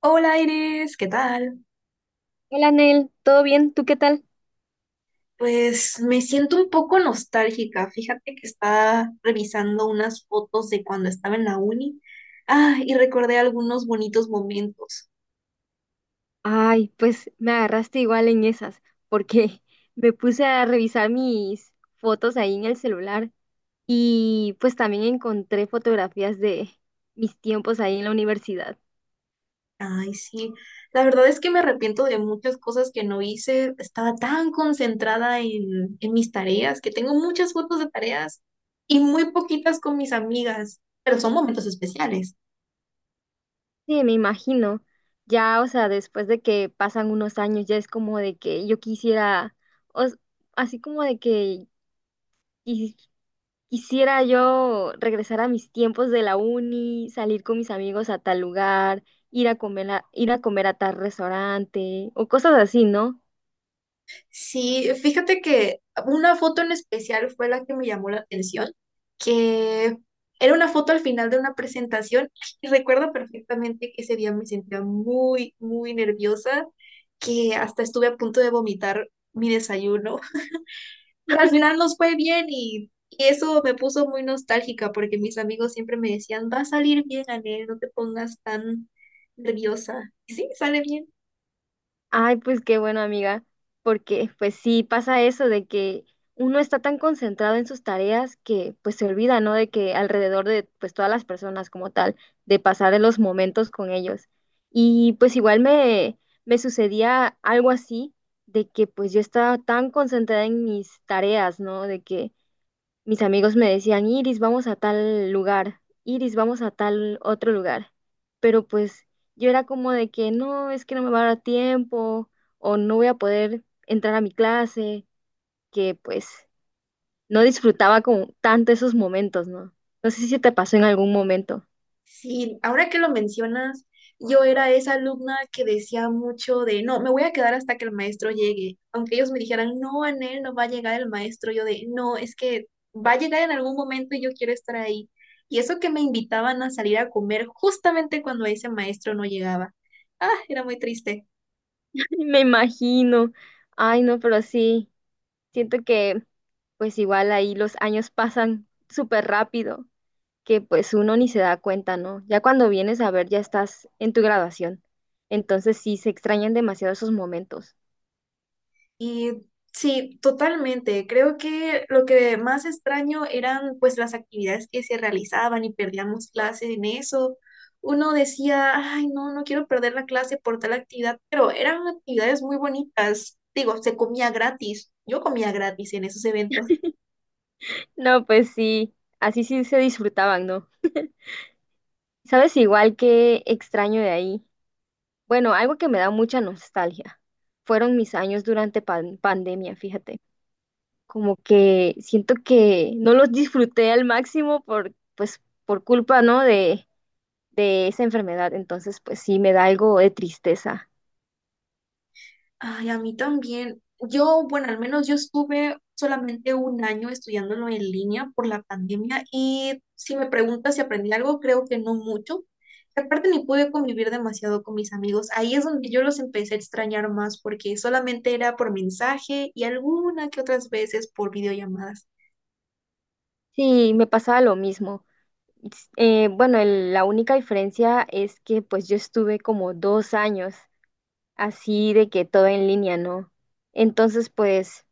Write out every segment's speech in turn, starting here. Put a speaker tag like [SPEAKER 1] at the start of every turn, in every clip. [SPEAKER 1] Hola, Iris, ¿qué tal?
[SPEAKER 2] Hola, Nel, ¿todo bien? ¿Tú qué tal?
[SPEAKER 1] Pues me siento un poco nostálgica. Fíjate que estaba revisando unas fotos de cuando estaba en la uni. Ah, y recordé algunos bonitos momentos.
[SPEAKER 2] Ay, pues me agarraste igual en esas, porque me puse a revisar mis fotos ahí en el celular y pues también encontré fotografías de mis tiempos ahí en la universidad.
[SPEAKER 1] Ay, sí. La verdad es que me arrepiento de muchas cosas que no hice. Estaba tan concentrada en mis tareas, que tengo muchas fotos de tareas y muy poquitas con mis amigas, pero son momentos especiales.
[SPEAKER 2] Sí, me imagino. Ya, o sea, después de que pasan unos años, ya es como de que yo quisiera, o s- así como de que quisiera yo regresar a mis tiempos de la uni, salir con mis amigos a tal lugar, ir a comer a tal restaurante o cosas así, ¿no?
[SPEAKER 1] Sí, fíjate que una foto en especial fue la que me llamó la atención, que era una foto al final de una presentación y recuerdo perfectamente que ese día me sentía muy, muy nerviosa, que hasta estuve a punto de vomitar mi desayuno. Pero al final nos fue bien y eso me puso muy nostálgica, porque mis amigos siempre me decían, va a salir bien, Anel, no te pongas tan nerviosa. Y sí, sale bien.
[SPEAKER 2] Ay, pues qué bueno, amiga, porque pues sí pasa eso de que uno está tan concentrado en sus tareas que pues se olvida, ¿no? De que alrededor de pues todas las personas como tal, de pasar los momentos con ellos. Y pues me sucedía algo así, de que pues yo estaba tan concentrada en mis tareas, ¿no? De que mis amigos me decían, Iris, vamos a tal lugar, Iris, vamos a tal otro lugar. Pero pues yo era como de que no, es que no me va a dar tiempo o no voy a poder entrar a mi clase, que pues no disfrutaba como tanto esos momentos, ¿no? No sé si te pasó en algún momento.
[SPEAKER 1] Sí, ahora que lo mencionas, yo era esa alumna que decía mucho de, no, me voy a quedar hasta que el maestro llegue. Aunque ellos me dijeran, no, Anel, no va a llegar el maestro, yo de, no, es que va a llegar en algún momento y yo quiero estar ahí. Y eso que me invitaban a salir a comer justamente cuando ese maestro no llegaba. Ah, era muy triste.
[SPEAKER 2] Me imagino. Ay, no, pero sí, siento que pues igual ahí los años pasan súper rápido, que pues uno ni se da cuenta, ¿no? Ya cuando vienes a ver, ya estás en tu graduación. Entonces sí, se extrañan demasiado esos momentos.
[SPEAKER 1] Y sí, totalmente. Creo que lo que más extraño eran pues las actividades que se realizaban y perdíamos clases en eso. Uno decía, ay, no, no quiero perder la clase por tal actividad, pero eran actividades muy bonitas. Digo, se comía gratis. Yo comía gratis en esos eventos.
[SPEAKER 2] No, pues sí, así sí se disfrutaban, ¿no? ¿Sabes igual que extraño de ahí? Bueno, algo que me da mucha nostalgia. Fueron mis años durante pandemia, fíjate. Como que siento que no los disfruté al máximo por, pues, por culpa, ¿no? De esa enfermedad. Entonces, pues sí, me da algo de tristeza.
[SPEAKER 1] Ay, a mí también. Yo, bueno, al menos yo estuve solamente un año estudiándolo en línea por la pandemia, y si me preguntas si aprendí algo, creo que no mucho. Y aparte, ni pude convivir demasiado con mis amigos. Ahí es donde yo los empecé a extrañar más, porque solamente era por mensaje y alguna que otras veces por videollamadas.
[SPEAKER 2] Sí, me pasaba lo mismo. Bueno, la única diferencia es que pues yo estuve como dos años así de que todo en línea, ¿no? Entonces pues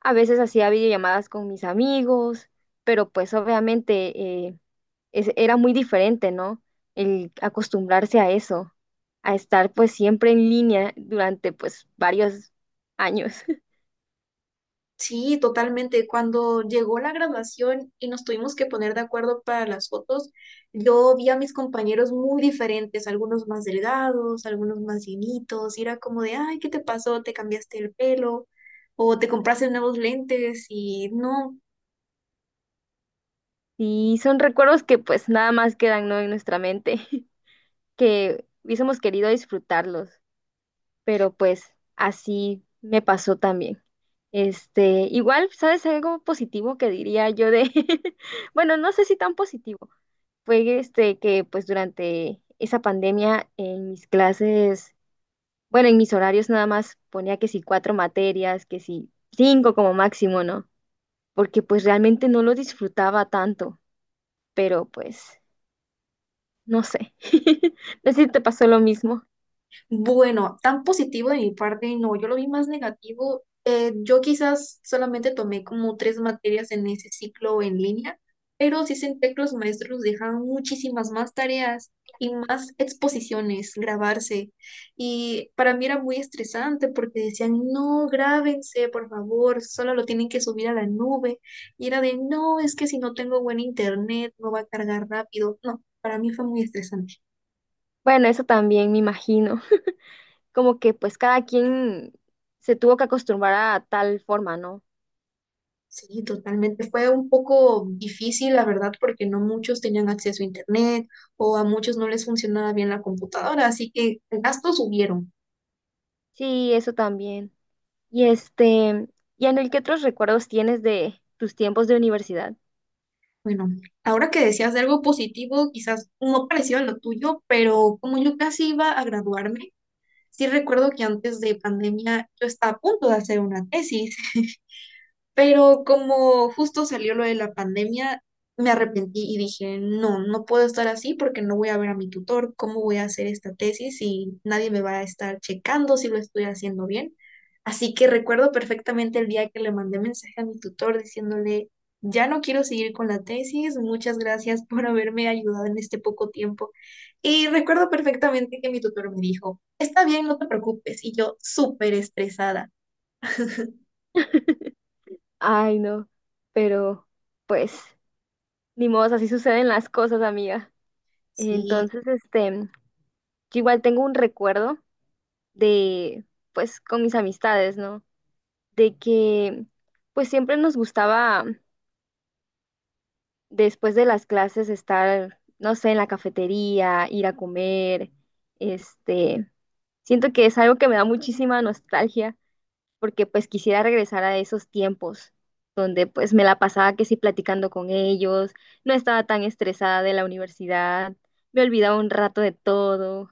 [SPEAKER 2] a veces hacía videollamadas con mis amigos, pero pues obviamente era muy diferente, ¿no? El acostumbrarse a eso, a estar pues siempre en línea durante pues varios años.
[SPEAKER 1] Sí, totalmente. Cuando llegó la graduación y nos tuvimos que poner de acuerdo para las fotos, yo vi a mis compañeros muy diferentes, algunos más delgados, algunos más llenitos, y era como de, ay, ¿qué te pasó? ¿Te cambiaste el pelo? ¿O te compraste nuevos lentes? Y no.
[SPEAKER 2] Y son recuerdos que pues nada más quedan, ¿no? En nuestra mente, que hubiésemos querido disfrutarlos, pero pues así me pasó también. Igual, ¿sabes algo positivo que diría yo de, bueno, no sé si tan positivo, fue este que pues durante esa pandemia en mis clases, bueno, en mis horarios nada más ponía que si cuatro materias, que si cinco como máximo, ¿no? Porque pues realmente no lo disfrutaba tanto, pero pues, no sé, no sé si te pasó lo mismo.
[SPEAKER 1] Bueno, tan positivo de mi parte, no, yo lo vi más negativo. Yo quizás solamente tomé como tres materias en ese ciclo en línea, pero sí senté que los maestros dejaban muchísimas más tareas y más exposiciones, grabarse. Y para mí era muy estresante, porque decían, no, grábense, por favor, solo lo tienen que subir a la nube. Y era de, no, es que si no tengo buen internet, no va a cargar rápido. No, para mí fue muy estresante.
[SPEAKER 2] Bueno, eso también me imagino, como que pues cada quien se tuvo que acostumbrar a tal forma, ¿no?
[SPEAKER 1] Sí, totalmente. Fue un poco difícil, la verdad, porque no muchos tenían acceso a internet o a muchos no les funcionaba bien la computadora, así que gastos hubieron.
[SPEAKER 2] Sí, eso también. Y este, ¿Y Anel, qué otros recuerdos tienes de tus tiempos de universidad?
[SPEAKER 1] Bueno, ahora que decías de algo positivo, quizás no parecido a lo tuyo, pero como yo casi iba a graduarme, sí recuerdo que antes de pandemia yo estaba a punto de hacer una tesis. Pero como justo salió lo de la pandemia, me arrepentí y dije, no, no puedo estar así, porque no voy a ver a mi tutor, ¿cómo voy a hacer esta tesis si nadie me va a estar checando si lo estoy haciendo bien? Así que recuerdo perfectamente el día que le mandé mensaje a mi tutor diciéndole, ya no quiero seguir con la tesis, muchas gracias por haberme ayudado en este poco tiempo. Y recuerdo perfectamente que mi tutor me dijo, está bien, no te preocupes. Y yo súper estresada.
[SPEAKER 2] Ay, no, pero pues ni modo, así suceden las cosas, amiga.
[SPEAKER 1] Sí.
[SPEAKER 2] Entonces, yo igual tengo un recuerdo de, pues, con mis amistades, ¿no? De que, pues, siempre nos gustaba después de las clases estar, no sé, en la cafetería, ir a comer, este, siento que es algo que me da muchísima nostalgia porque pues quisiera regresar a esos tiempos donde pues me la pasaba que sí platicando con ellos, no estaba tan estresada de la universidad, me olvidaba un rato de todo.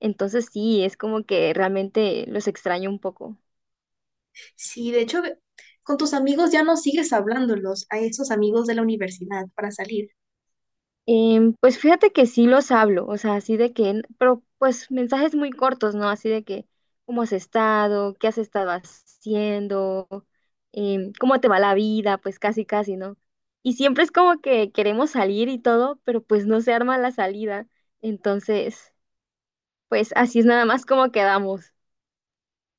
[SPEAKER 2] Entonces sí, es como que realmente los extraño un poco.
[SPEAKER 1] Sí, de hecho, con tus amigos ya no sigues hablándolos, a esos amigos de la universidad para salir.
[SPEAKER 2] Pues fíjate que sí los hablo, o sea, así de que, pero pues mensajes muy cortos, ¿no? Así de que, ¿cómo has estado? ¿Qué has estado haciendo? ¿Cómo te va la vida? Pues casi, casi, ¿no? Y siempre es como que queremos salir y todo, pero pues no se arma la salida. Entonces, pues así es nada más como quedamos.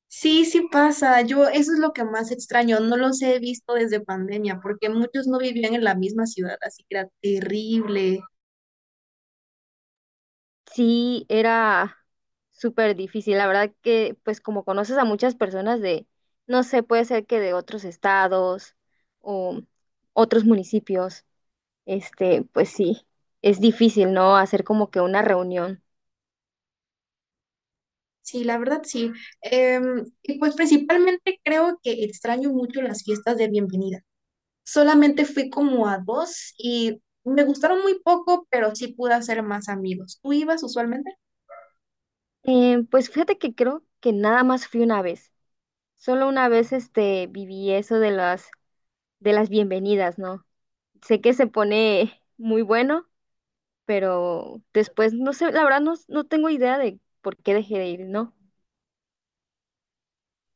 [SPEAKER 1] Sí, sí pasa, yo eso es lo que más extraño, no los he visto desde pandemia porque muchos no vivían en la misma ciudad, así que era terrible.
[SPEAKER 2] Sí, era súper difícil. La verdad que, pues como conoces a muchas personas de, no sé, puede ser que de otros estados o otros municipios, pues sí, es difícil, ¿no? Hacer como que una reunión.
[SPEAKER 1] Sí, la verdad sí. Em, y pues principalmente creo que extraño mucho las fiestas de bienvenida. Solamente fui como a dos y me gustaron muy poco, pero sí pude hacer más amigos. ¿Tú ibas usualmente?
[SPEAKER 2] Pues fíjate que creo que nada más fui una vez. Solo una vez, viví eso de de las bienvenidas, ¿no? Sé que se pone muy bueno, pero después, no sé, la verdad no, no tengo idea de por qué dejé de ir, ¿no?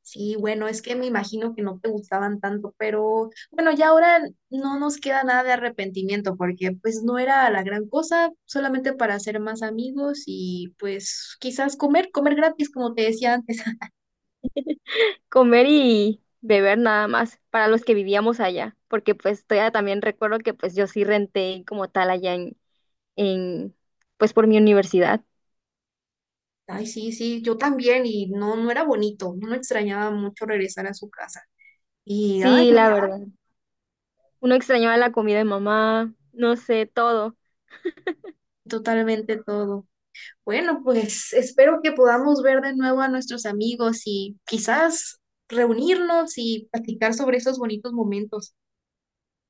[SPEAKER 1] Sí, bueno, es que me imagino que no te gustaban tanto, pero bueno, ya ahora no nos queda nada de arrepentimiento, porque pues no era la gran cosa, solamente para hacer más amigos y pues quizás comer, comer gratis, como te decía antes.
[SPEAKER 2] Comer y beber nada más para los que vivíamos allá, porque pues todavía también recuerdo que pues yo sí renté como tal allá en pues por mi universidad.
[SPEAKER 1] Ay, sí, sí, yo también, y no, no era bonito, no me extrañaba mucho regresar a su casa. Y ay,
[SPEAKER 2] Sí, la
[SPEAKER 1] no,
[SPEAKER 2] verdad. Uno extrañaba la comida de mamá, no sé, todo.
[SPEAKER 1] totalmente todo. Bueno, pues espero que podamos ver de nuevo a nuestros amigos y quizás reunirnos y platicar sobre esos bonitos momentos.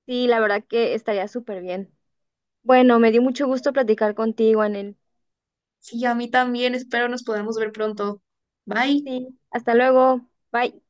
[SPEAKER 2] Sí, la verdad que estaría súper bien. Bueno, me dio mucho gusto platicar contigo, Anel.
[SPEAKER 1] Sí, a mí también, espero nos podamos ver pronto. Bye.
[SPEAKER 2] Sí, hasta luego. Bye.